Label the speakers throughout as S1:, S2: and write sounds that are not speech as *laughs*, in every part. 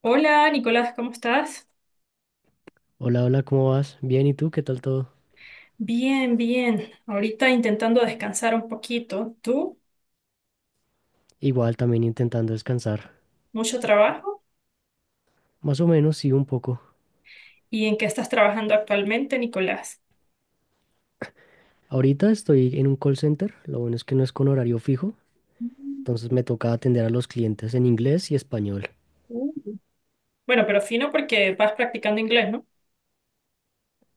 S1: Hola, Nicolás, ¿cómo estás?
S2: Hola, hola, ¿cómo vas? Bien, ¿y tú? ¿Qué tal todo?
S1: Bien, bien. Ahorita intentando descansar un poquito. ¿Tú?
S2: Igual, también intentando descansar.
S1: ¿Mucho trabajo?
S2: Más o menos, sí, un poco.
S1: ¿Y en qué estás trabajando actualmente, Nicolás?
S2: Ahorita estoy en un call center, lo bueno es que no es con horario fijo,
S1: Mm,
S2: entonces me toca atender a los clientes en inglés y español.
S1: uh. Bueno, pero fino porque vas practicando inglés, ¿no?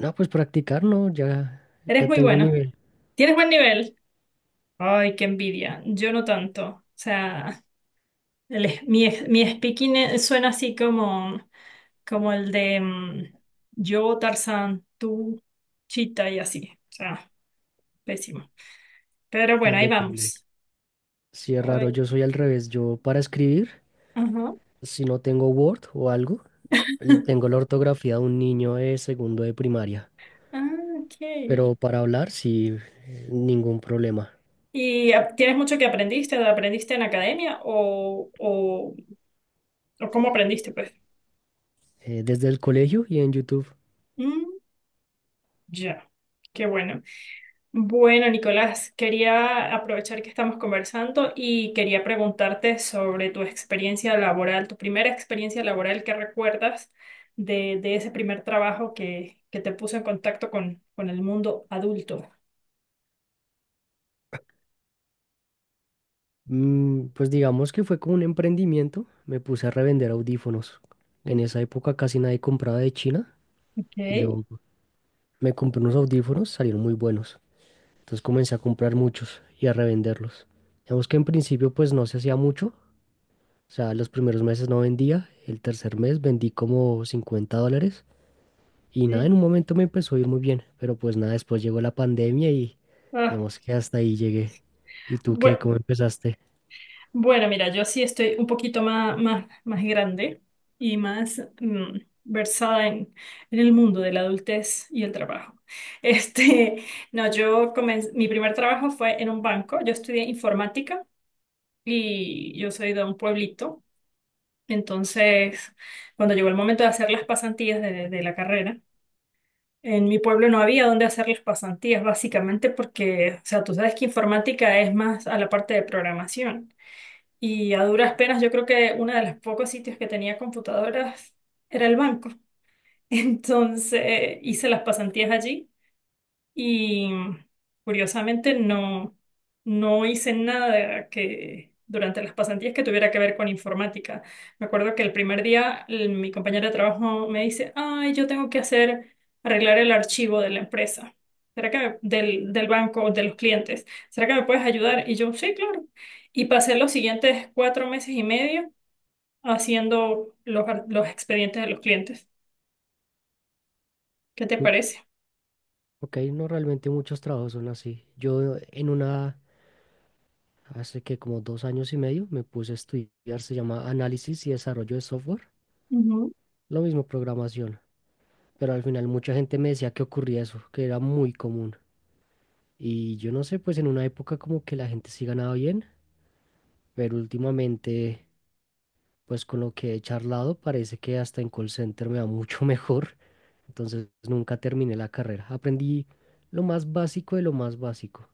S2: No, pues practicar no, ya,
S1: Eres
S2: ya
S1: muy
S2: tengo
S1: bueno.
S2: nivel,
S1: ¿Tienes buen nivel? Ay, qué envidia. Yo no tanto. O sea, el es- mi speaking suena así como, como el de yo, Tarzán, tú, Chita y así. O sea, pésimo. Pero
S2: ya
S1: bueno, ahí
S2: depende.
S1: vamos.
S2: Si es raro,
S1: Ay,
S2: yo soy al revés, yo para escribir,
S1: ajá.
S2: si no tengo Word o algo, tengo la ortografía de un niño de segundo de primaria,
S1: Ah, ok.
S2: pero para hablar, sí, ningún problema.
S1: ¿Tienes mucho que aprendiste? ¿Aprendiste en academia o cómo aprendiste, pues?
S2: Desde el colegio y en YouTube.
S1: Mm, ya. Qué bueno. Bueno, Nicolás, quería aprovechar que estamos conversando y quería preguntarte sobre tu experiencia laboral, tu primera experiencia laboral que recuerdas de ese primer trabajo que te puso en contacto con el mundo adulto.
S2: Mm, pues digamos que fue como un emprendimiento. Me puse a revender audífonos. En esa época casi nadie compraba de China y
S1: Ok.
S2: yo me compré unos audífonos, salieron muy buenos. Entonces comencé a comprar muchos y a revenderlos. Digamos que en principio pues no se hacía mucho. O sea, los primeros meses no vendía. El tercer mes vendí como 50 dólares. Y nada, en
S1: Sí.
S2: un momento me empezó a ir muy bien. Pero pues nada, después llegó la pandemia y
S1: Ah,
S2: digamos que hasta ahí llegué. ¿Y tú
S1: bu-
S2: qué? ¿Cómo empezaste?
S1: Bueno, mira, yo sí estoy un poquito más grande y más versada en el mundo de la adultez y el trabajo. *laughs* Este, no, yo comencé, mi primer trabajo fue en un banco. Yo estudié informática y yo soy de un pueblito. Entonces, cuando llegó el momento de hacer las pasantías de la carrera, en mi pueblo no había dónde hacer las pasantías, básicamente porque, o sea, tú sabes que informática es más a la parte de programación. Y a duras penas, yo creo que uno de los pocos sitios que tenía computadoras era el banco. *laughs* Entonces hice las pasantías allí y curiosamente no hice nada que durante las pasantías que tuviera que ver con informática. Me acuerdo que el primer día mi compañera de trabajo me dice, ay, yo tengo que hacer, arreglar el archivo de la empresa. ¿Será que del banco, de los clientes? ¿Será que me puedes ayudar? Y yo, sí, claro. Y pasé los siguientes cuatro meses y medio haciendo los expedientes de los clientes. ¿Qué te parece?
S2: Ok, no realmente muchos trabajos son así. Yo hace que como 2 años y medio, me puse a estudiar, se llama análisis y desarrollo de software, lo mismo programación, pero al final mucha gente me decía que ocurría eso, que era muy común. Y yo no sé, pues en una época como que la gente sí ganaba bien, pero últimamente, pues con lo que he charlado, parece que hasta en call center me va mucho *laughs* mejor, entonces nunca terminé la carrera. Aprendí lo más básico de lo más básico.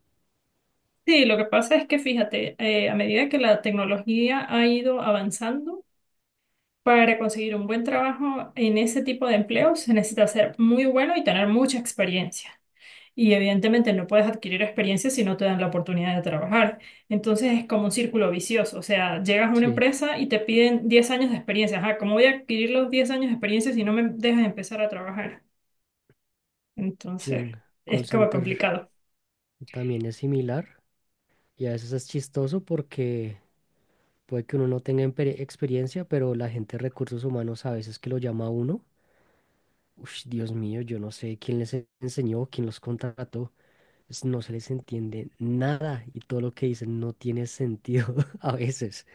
S1: Sí, lo que pasa es que fíjate, a medida que la tecnología ha ido avanzando, para conseguir un buen trabajo en ese tipo de empleo se necesita ser muy bueno y tener mucha experiencia. Y evidentemente no puedes adquirir experiencia si no te dan la oportunidad de trabajar. Entonces es como un círculo vicioso. O sea, llegas a una
S2: Sí,
S1: empresa y te piden 10 años de experiencia. Ajá, ¿cómo voy a adquirir los 10 años de experiencia si no me dejas empezar a trabajar?
S2: sí,
S1: Entonces
S2: en call
S1: es como
S2: center
S1: complicado.
S2: también es similar y a veces es chistoso porque puede que uno no tenga experiencia, pero la gente de recursos humanos a veces que lo llama a uno, uff, Dios mío, yo no sé quién les enseñó, quién los contrató, no se les entiende nada y todo lo que dicen no tiene sentido *laughs* a veces.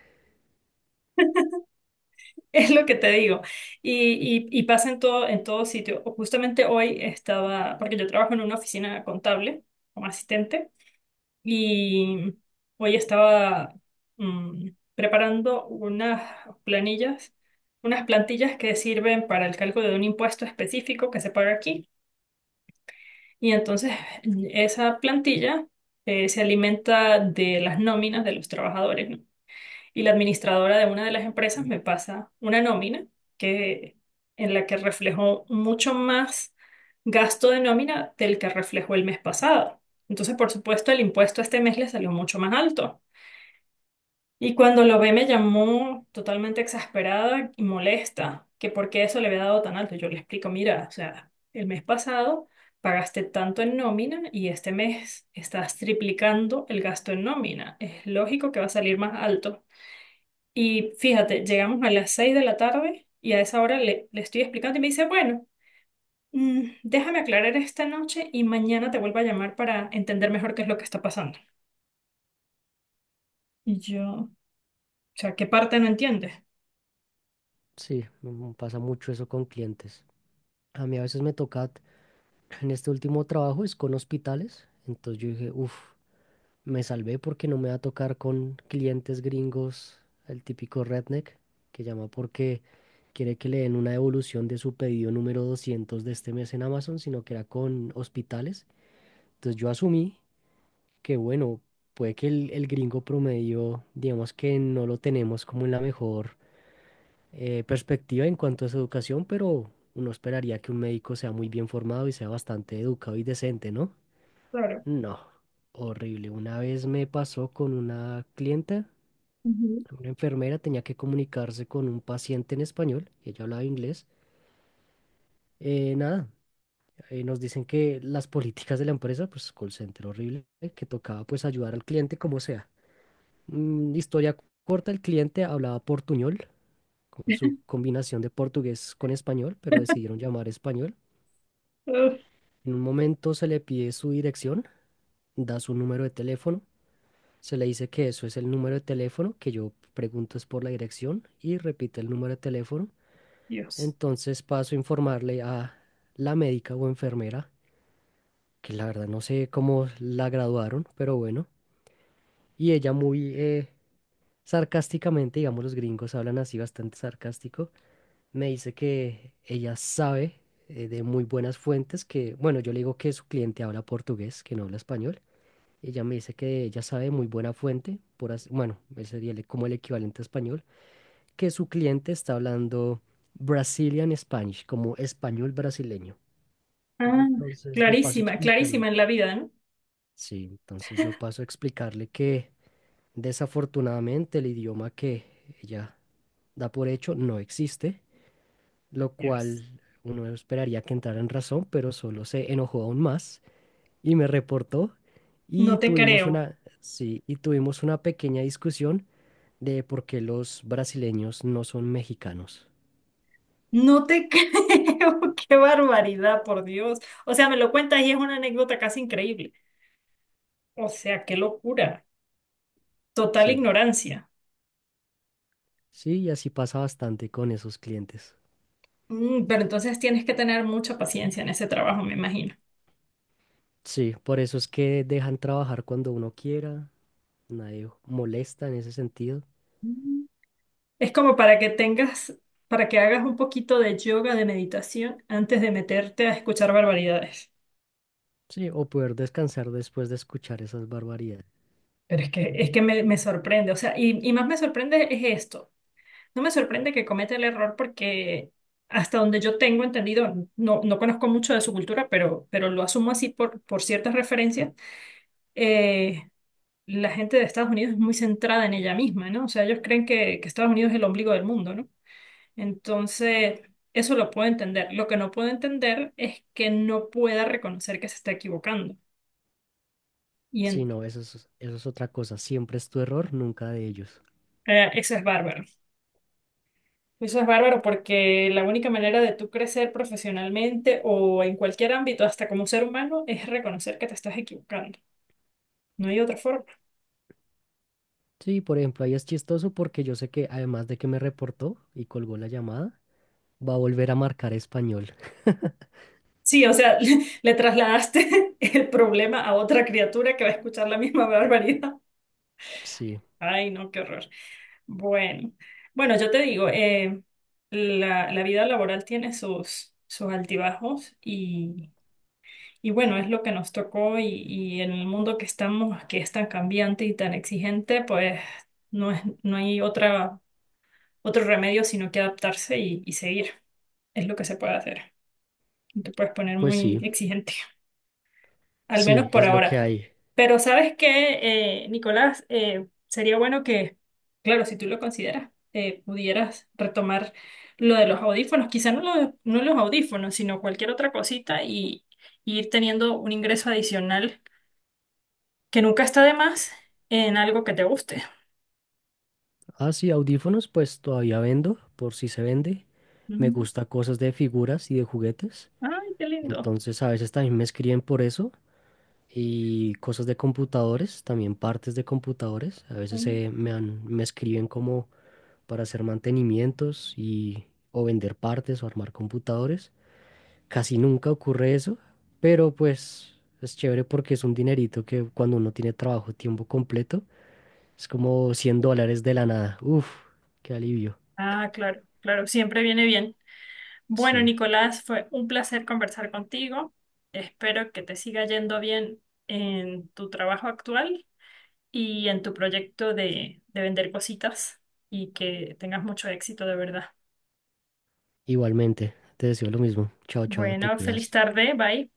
S1: *laughs* Es lo que te digo. Y pasa en todo sitio. O justamente hoy estaba, porque yo trabajo en una oficina contable como asistente, y hoy estaba mm, preparando unas planillas, unas plantillas que sirven para el cálculo de un impuesto específico que se paga aquí. Y entonces esa plantilla se alimenta de las nóminas de los trabajadores, ¿no? Y la administradora de una de las empresas me pasa una nómina que, en la que reflejó mucho más gasto de nómina del que reflejó el mes pasado. Entonces, por supuesto, el impuesto este mes le salió mucho más alto. Y cuando lo ve me llamó totalmente exasperada y molesta, que por qué eso le había dado tan alto. Yo le explico, mira, o sea, el mes pasado pagaste tanto en nómina y este mes estás triplicando el gasto en nómina. Es lógico que va a salir más alto. Y fíjate, llegamos a las 6 de la tarde y a esa hora le estoy explicando y me dice, bueno, déjame aclarar esta noche y mañana te vuelvo a llamar para entender mejor qué es lo que está pasando. Y yo, o sea, ¿qué parte no entiendes?
S2: Sí, mm, pasa mucho eso con clientes. A mí a veces me toca, en este último trabajo es con hospitales, entonces yo dije, uff. Me salvé porque no me va a tocar con clientes gringos, el típico redneck, que llama porque quiere que le den una devolución de su pedido número 200 de este mes en Amazon, sino que era con hospitales. Entonces yo asumí que, bueno, puede que el gringo promedio, digamos que no lo tenemos como en la mejor perspectiva en cuanto a su educación, pero uno esperaría que un médico sea muy bien formado y sea bastante educado y decente, ¿no?
S1: Claro.
S2: No. Horrible. Una vez me pasó con una clienta.
S1: Ujú.
S2: Una enfermera tenía que comunicarse con un paciente en español y ella hablaba inglés. Nada, nos dicen que las políticas de la empresa, pues call center horrible, que tocaba pues ayudar al cliente como sea. Mm, historia corta, el cliente hablaba portuñol, con su combinación de portugués con español, pero decidieron llamar español.
S1: Uf, *laughs*
S2: En un momento se le pide su dirección, da su número de teléfono, se le dice que eso es el número de teléfono, que yo pregunto es por la dirección y repite el número de teléfono.
S1: Dios.
S2: Entonces paso a informarle a la médica o enfermera, que la verdad no sé cómo la graduaron, pero bueno. Y ella muy sarcásticamente, digamos los gringos hablan así bastante sarcástico, me dice que ella sabe de muy buenas fuentes que, bueno, yo le digo que su cliente habla portugués, que no habla español. Ella me dice que ella sabe de muy buena fuente, por bueno, ese sería como el equivalente a español, que su cliente está hablando Brazilian Spanish, como español brasileño.
S1: Ah,
S2: Entonces yo paso a
S1: clarísima,
S2: explicarle,
S1: clarísima en la vida, ¿no?
S2: sí, entonces yo paso a explicarle que desafortunadamente el idioma que ella da por hecho no existe, lo
S1: Yes.
S2: cual uno esperaría que entrara en razón, pero solo se enojó aún más y me reportó y
S1: No te
S2: tuvimos
S1: creo.
S2: una, sí, y tuvimos una pequeña discusión de por qué los brasileños no son mexicanos.
S1: No te *laughs* creo. Qué barbaridad, por Dios. O sea, me lo cuentas y es una anécdota casi increíble. O sea, qué locura. Total
S2: Sí,
S1: ignorancia.
S2: sí, y así pasa bastante con esos clientes.
S1: Mm, pero entonces tienes que tener mucha paciencia en ese trabajo, me imagino.
S2: Sí, por eso es que dejan trabajar cuando uno quiera, nadie molesta en ese sentido.
S1: Mm. Es como para que tengas, para que hagas un poquito de yoga, de meditación, antes de meterte a escuchar barbaridades.
S2: Sí, o poder descansar después de escuchar esas barbaridades.
S1: Pero es que me sorprende, o sea, y más me sorprende es esto. No me sorprende que cometa el error porque hasta donde yo tengo entendido, no conozco mucho de su cultura, pero lo asumo así por ciertas referencias, eh, la gente de Estados Unidos es muy centrada en ella misma, ¿no? O sea, ellos creen que Estados Unidos es el ombligo del mundo, ¿no? Entonces, eso lo puedo entender. Lo que no puedo entender es que no pueda reconocer que se está equivocando. Y
S2: Sí,
S1: en-
S2: no, eso es otra cosa. Siempre es tu error, nunca de ellos.
S1: Eso es bárbaro. Eso es bárbaro porque la única manera de tú crecer profesionalmente o en cualquier ámbito, hasta como ser humano, es reconocer que te estás equivocando. No hay otra forma.
S2: Sí, por ejemplo, ahí es chistoso porque yo sé que además de que me reportó y colgó la llamada, va a volver a marcar español. *laughs*
S1: Sí, o sea, *laughs* le trasladaste *laughs* el problema a otra criatura que va a escuchar la misma barbaridad.
S2: Sí,
S1: Ay, no, qué horror. Bueno, bueno, yo te digo, la vida laboral tiene sus altibajos y bueno, es lo que nos tocó y en el mundo que estamos, que es tan cambiante y tan exigente, pues no es, no hay otra, otro remedio sino que adaptarse y seguir. Es lo que se puede hacer. No te puedes poner
S2: pues
S1: muy
S2: sí,
S1: exigente, al menos
S2: sí,
S1: por
S2: es lo que
S1: ahora.
S2: hay.
S1: Pero ¿sabes qué, Nicolás? Sería bueno que, claro, si tú lo consideras, pudieras retomar lo de los audífonos, quizá no, no los audífonos, sino cualquier otra cosita y ir teniendo un ingreso adicional que nunca está de más en algo que te guste.
S2: Ah, sí, audífonos, pues todavía vendo, por si se vende. Me
S1: Mm.
S2: gusta cosas de figuras y de juguetes.
S1: Ay, qué lindo.
S2: Entonces a veces también me escriben por eso y cosas de computadores, también partes de computadores. A veces
S1: Mm.
S2: me escriben como para hacer mantenimientos y o vender partes o armar computadores. Casi nunca ocurre eso, pero pues es chévere porque es un dinerito que cuando uno tiene trabajo tiempo completo es como 100 dólares de la nada. Uf, qué alivio.
S1: Ah, claro, claro, siempre viene bien. Bueno,
S2: Sí,
S1: Nicolás, fue un placer conversar contigo. Espero que te siga yendo bien en tu trabajo actual y en tu proyecto de vender cositas y que tengas mucho éxito, de verdad.
S2: igualmente. Te deseo lo mismo. Chao, chao, te
S1: Bueno, feliz
S2: cuidas.
S1: tarde, bye.